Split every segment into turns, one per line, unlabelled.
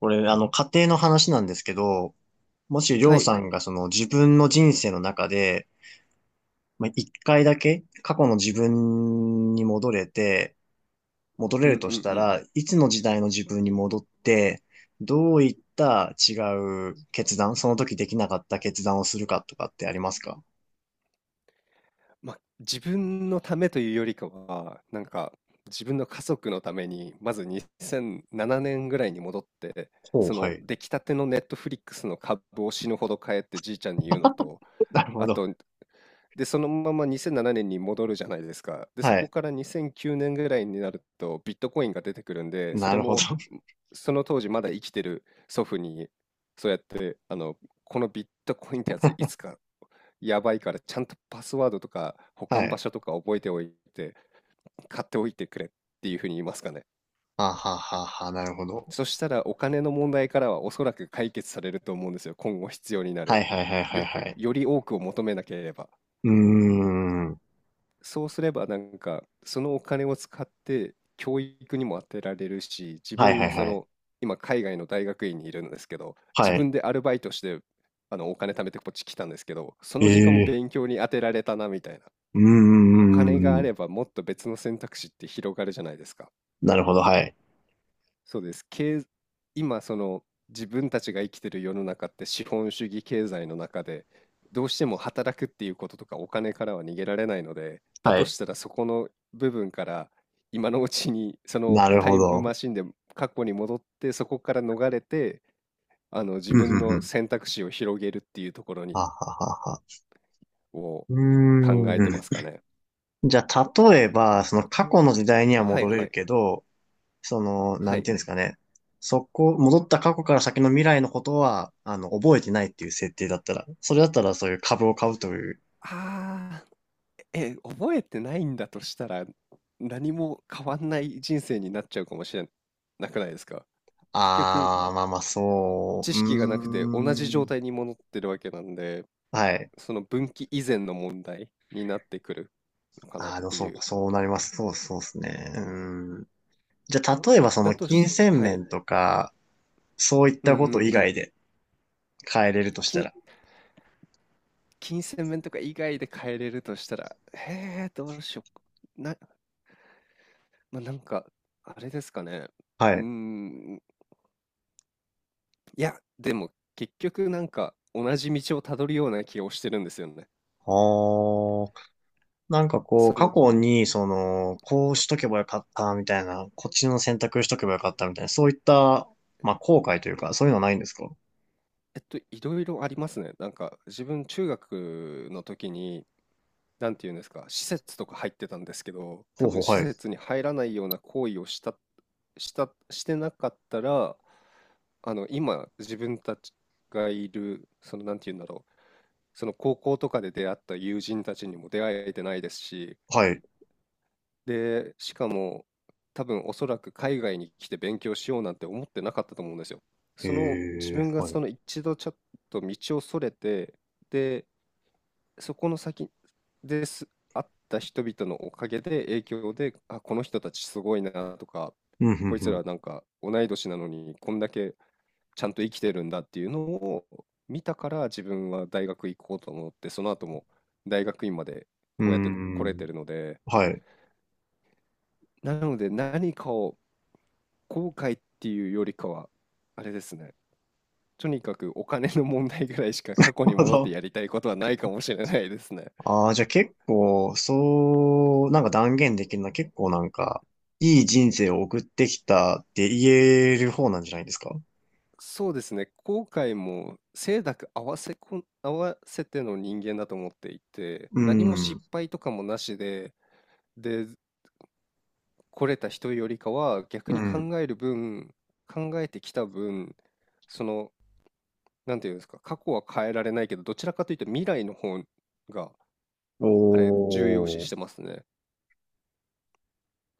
これ、家庭の話なんですけど、もしりょ
は
うさ
い。
んがその自分の人生の中で、まあ、一回だけ過去の自分に戻れ
う
る
ん
と
う
し
ん
た
うん。
ら、いつの時代の自分に戻って、どういった違う決断、その時できなかった決断をするかとかってありますか？
まあ、自分のためというよりかは、なんか、自分の家族のために、まず2007年ぐらいに戻って、
ほう、
そ
は
の
い。
出来たてのネットフリックスの株を死ぬほど買えってじいちゃんに言うのと、
なるほ
あ
ど。
と、で、そのまま2007年に戻るじゃないですか。で、そ
は
こ
い。
から2009年ぐらいになると、ビットコインが出てくるんで、そ
な
れ
るほど。
も、その当時まだ生きてる祖父に、そうやって、このビットコインってやついつかやばいからちゃんとパスワードとか保
は
管場
い。
所とか覚えておいて買っておいてくれっていうふうに言いますかね。
はははは、なるほど。
そしたらお金の問題からはおそらく解決されると思うんですよ。今後必要にな
は
る。
いはいはいはい
よ、
はい。
より多くを求めなければ。
うーん。
そうすればなんかそのお金を使って教育にも当てられるし、自
はいはい
分
はい。
今海外の大学院にいるんですけど、自
はい。
分でアルバイトしてお金貯めてこっち来たんですけど、その時間も
ええ、
勉強に当てられたなみたいな。
うん
お金が
うん
あ
うん、
ればもっと別の選択肢って広がるじゃないですか。
なるほど、はい。
そうです。今その自分たちが生きてる世の中って資本主義経済の中でどうしても働くっていうこととかお金からは逃げられないので、だ
は
と
い。
したらそこの部分から今のうちにその
なる
タ
ほ
イム
ど。
マシンで過去に戻ってそこから逃れて自
うんう
分
んう
の
ん。
選択肢を広げるっていうところ
は
に
ははは。
を
う
考えて
ー
ますかね。
ん。じゃあ、例えば、その過去の時代には
はい
戻れ
は
る
い
けど、
は
なん
い。
ていうんですかね。戻った過去から先の未来のことは、覚えてないっていう設定だったら、それだったらそういう株を買うという。
ああ。え、覚えてないんだとしたら、何も変わんない人生になっちゃうかもしれなくないですか？結局、
あー、まあまあ、そう、う
知識がなくて同じ状
ーん。
態に戻ってるわけなんで、
はい。
その分岐以前の問題になってくるのかな
あ
っ
ー、でも
て
そう
い
か、
う。
そうなります。そうそうですね。うー。じゃあ、例えばそ
だ
の
と
金
し
銭
はい。
面とか、そういっ
うん
た
う
こと
ん
以
う
外
ん。
で変えれるとした
金、
ら。
金銭面とか以外で変えれるとしたら、へえ、どうしよう。まあ、なんか、あれですかね。
は
うー
い。
ん、いや、でも結局なんか同じ道をたどるような気をしてるんですよね。
あー、なんかこう、
そ
過
の、
去に、その、こうしとけばよかったみたいな、こっちの選択しとけばよかったみたいな、そういった、まあ、後悔というか、そういうのはないんですか？
いろいろありますね。なんか自分中学の時に、なんていうんですか、施設とか入ってたんですけど、
ほ
多
うほ
分
う、
施
はい。
設に入らないような行為をしてなかったら、今自分たちがいる、なんていうんだろう、その高校とかで出会った友人たちにも出会えてないですし、
はい。
で、しかも、多分おそらく海外に来て勉強しようなんて思ってなかったと思うんですよ。
え
自
ー、
分が
はい。
その一度ちょっと道をそれて、で、そこの先です、会った人々のおかげで影響で、あ、この人たちすごいなとか、
うん、
こいつ
うん、
らなんか同い年なのにこんだけちゃんと生きてるんだっていうのを見たから自分は大学行こうと思って、その後も大学院まで
う
こうやって
ん。
来れ
うー
て
ん、
るので、
はい。なる
なので何かを後悔っていうよりかは、あれですね。とにかくお金の問題ぐらいしか過去に
ほ
戻って
ど。
やりたいことはないかもしれないですね。
ああ、じゃあ結構、そう、なんか断言できるのは結構なんか、いい人生を送ってきたって言える方なんじゃないですか？
そうですね。後悔も清濁合わせての人間だと思っていて、
う
何も
ん。
失敗とかもなしで、来れた人よりかは逆
う
に
ん。
考える分、考えてきた分、その、なんていうんですか、過去は変えられないけど、どちらかというと未来の方が、重要視
お
し
ー。
てますね。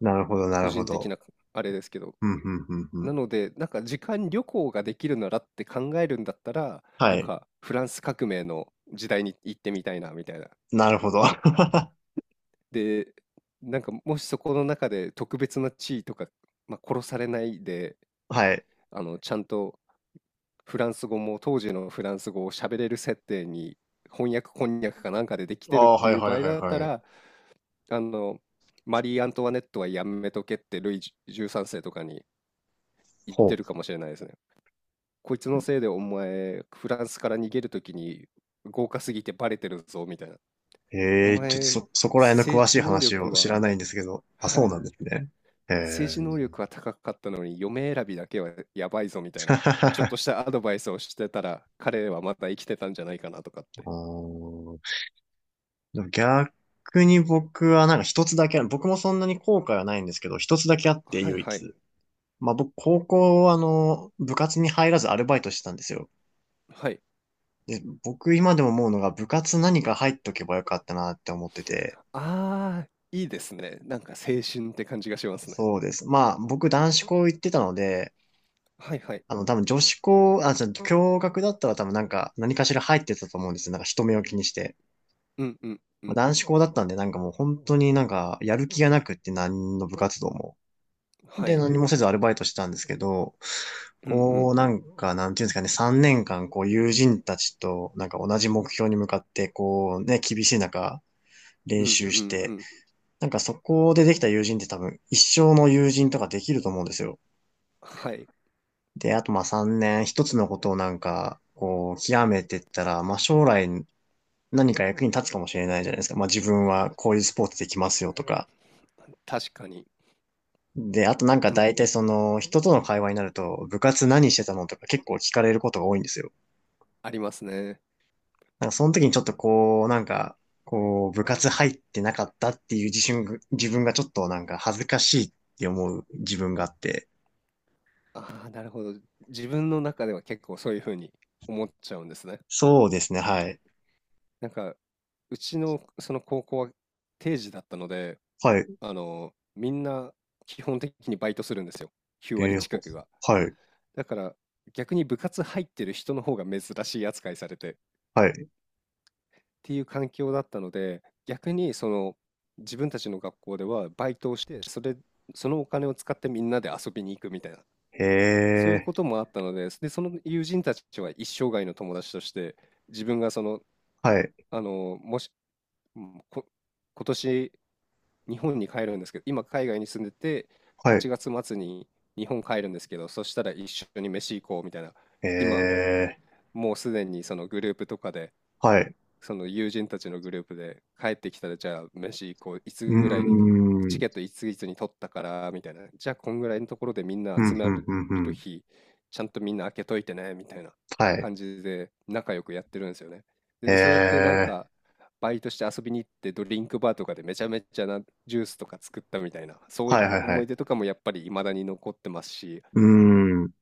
なるほど、な
個
るほ
人的
ど。
なあれですけど。
うん、うん、うん、う
な
ん。
ので、なんか時間旅行ができるならって考えるんだったら、
は
なん
い。
かフランス革命の時代に行ってみたいなみたいな。
なるほど。は
で、なんかもしそこの中で特別な地位とか、まあ、殺されないで、
い。
ちゃんとフランス語も当時のフランス語を喋れる設定に翻訳こんにゃくかなんかででき
あ
てるっ
あ、
て
はい、
いう
は
場
い、
合
はい、
だった
はい。
ら、あの、マリー・アントワネットはやめとけってルイ13世とかに言っ
ほ
てるかもしれないですね。こいつのせいでお前、フランスから逃げるときに豪華すぎてバレてるぞ、みたいな。
う。
お
ええ、ちょっと
前、
そこら辺の詳
政
しい
治能
話
力
を知ら
は、
ないんですけど。あ、そ
は
う
い、
なんですね。ええ。
政治能力は高かったのに、嫁選びだけはやばいぞ、みたいな。ちょっとしたアドバイスをしてたら、彼はまた生きてたんじゃないかなとかっ て。
あー。でも逆に僕はなんか一つだけある、僕もそんなに後悔はないんですけど、一つだけあって
はい
唯
はい、
一。まあ僕、高校、部活に入らずアルバイトしてたんですよ。
はい。
で、僕今でも思うのが部活何か入っとけばよかったなって思ってて。
あー、いいですね。なんか青春って感じがしますね。
そうです。まあ僕男子校行ってたので、
はいはい。
あの多分女子校、あ、じゃあ共学だったら多分なんか何かしら入ってたと思うんですよ。なんか人目を気にして。
うんうんう
まあ、
ん。
男子校だったんでなんかもう本当になんかやる気がなくって何の部活動も。
は
で、
い。
何もせずアルバイトしてたんですけど、
う
こ
ん
う、なんか、なんていうんですかね、3年間、こう、友人たちと、なんか同じ目標に向かって、こう、ね、厳しい中、
うん。
練
うん
習
う
し
んう
て、
ん。
なんかそこでできた友人って多分、一生の友人とかできると思うんですよ。
はい。
で、あとまあ3年、一つのことをなんか、こう、極めてったら、まあ将来何か役に立つかもしれないじゃないですか。まあ自分はこういうスポーツできますよとか、
確かに。
で、あとなんか
も
大体その人との会話になると部活何してたのとか結構聞かれることが多いんですよ。
ありますね。
なんかその時にちょっとこう、なんか、こう部活入ってなかったっていう自信、自分がちょっとなんか恥ずかしいって思う自分があって。
ああ、なるほど。自分の中では結構そういう風に思っちゃうんですね。
そうですね、はい。
なんか、うちのその高校は定時だったので、
はい。
みんな基本的にバイトするんですよ。9
え
割
ー、ほ。
近くが。
はい。
だから逆に部活入ってる人の方が珍しい扱いされてっ
はい。
ていう環境だったので、逆にその自分たちの学校ではバイトをして、そのお金を使ってみんなで遊びに行くみたいな、
へ
そういう
ー。
こともあったので、で、その友人たちは一生涯の友達として、自分がその、
はい。
あの、もし、うん、こ今年日本に帰るんですけど、今海外に住んでて、
は
8
い。
月末に日本帰るんですけど、そしたら一緒に飯行こうみたいな、
え
今
ー、
もうすでにそのグループとかで、
はい。
その友人たちのグループで、帰ってきたらじゃあ飯行こう、い
う
つぐらいに
ー
チ
ん。
ケットいついつに取ったからみたいな、じゃあこんぐらいのところでみん
ふ
な
ん
集
ふ
ま
ん
れ
ふんふ
る
ん。
日ちゃんとみんな開けといてねみたいな
はい。
感じで仲良くやってるんですよね。
え
でそうやってなん
ー、
かバイトして遊びに行って、ドリンクバーとかでめちゃめちゃなジュースとか作ったみたいな、そうい
は
っ
いはい
た
は
思い
い。
出とかもやっぱり未だに残ってますし、
うーん。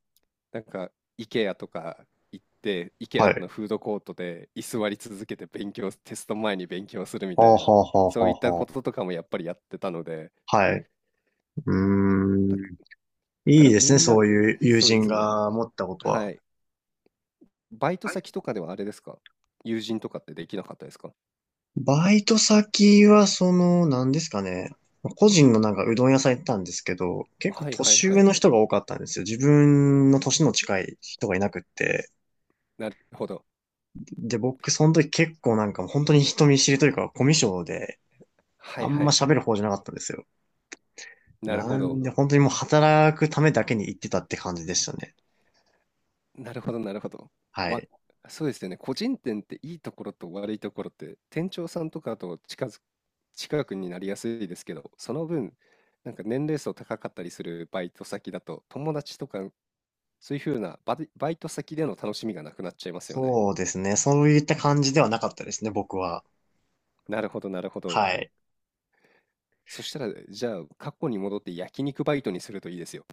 なんか、IKEA とか行って、
は
IKEA の
い。
フードコートで居座り続けてテスト前に勉強するみ
はあ
た
は
いな、
あはあは
そういっ
あ
たこ
は
ととかもやっぱりやってたので、
あ。はい。う
だ
ーん。
だか
いい
ら
で
み
すね、
ん
そ
な、
ういう友
そうで
人
すね。
が持ったこと
は
は。
い。バイト先とかではあれですか？友人とかってできなかったですか？
バイト先は、何ですかね。個人のなんかうどん屋さん行ったんですけど、結構
はいはい
年
は
上
い。
の人が多かったんですよ。自分の年の近い人がいなくって。
なるほど。
で、僕、その時結構なんかもう本当に人見知りというか、コミュ障で、
は
あ
い
ん
は
ま
い。
喋る方じゃなかったんですよ。
なるほ
な
ど。
んで、本当にもう働くためだけに行ってたって感じでしたね。
なるほどなるほど。
は
わ
い。
そうですよね。個人店っていいところと悪いところって、店長さんとかと近くになりやすいですけど、その分、なんか年齢層高かったりするバイト先だと、友達とか、そういう風なバイト先での楽しみがなくなっちゃいますよね。
そうですね。そういった感じではなかったですね、僕は。
なるほどなるほど。
はい。
そしたら、じゃあ、過去に戻って焼肉バイトにするといいですよ。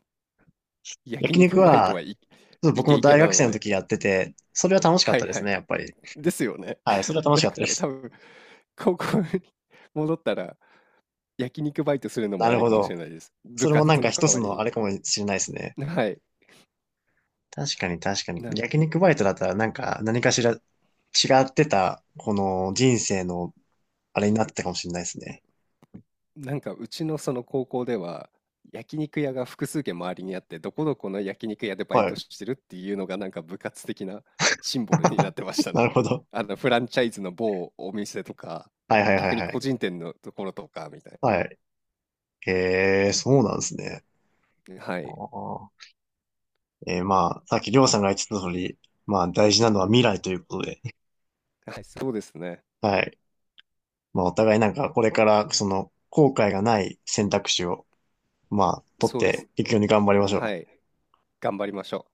焼
焼肉
肉バイト、
は、
はい、
ちょっと
イ
僕
ケ
も
イケ
大
な
学
の
生の
で。
時やってて、それは楽しかっ
は
た
い
で
は
す
い。
ね、やっぱり。
ですよね。
はい、それ は楽し
だ
かったで
から多
す。
分、高校に戻ったら、焼肉バイトする のも
な
あ
る
り
ほ
かもし
ど。
れないです。部
それもなん
活
か
の代
一つ
わり
の
に。
あれかもしれないですね。
はい。
確かに確かに。
なんか
焼肉バイトだったらなんか何かしら違ってた、この人生のあれになってたかもしれないですね。
なんかうちのその高校では、焼肉屋が複数軒周りにあって、どこどこの焼肉屋でバイ
は
ト
い。
してるっていうのがなんか部活的なシンボルになってまし た
な
ね。
るほど。
あのフランチャイズの某お店とか、
はいはいはい
逆に
は
個
い。
人店のところとかみたい
はい。へえ、そうなんですね。
な。は
あ
い。
ー、まあ、さっきりょうさんが言ってた通り、まあ大事なのは未来ということで、
はい、そうですね。
はい。まあお互いなんかこれからその後悔がない選択肢を、まあ取っ
そうです。
ていくように頑張りまし
は
ょ
い。
う。
頑張りましょう。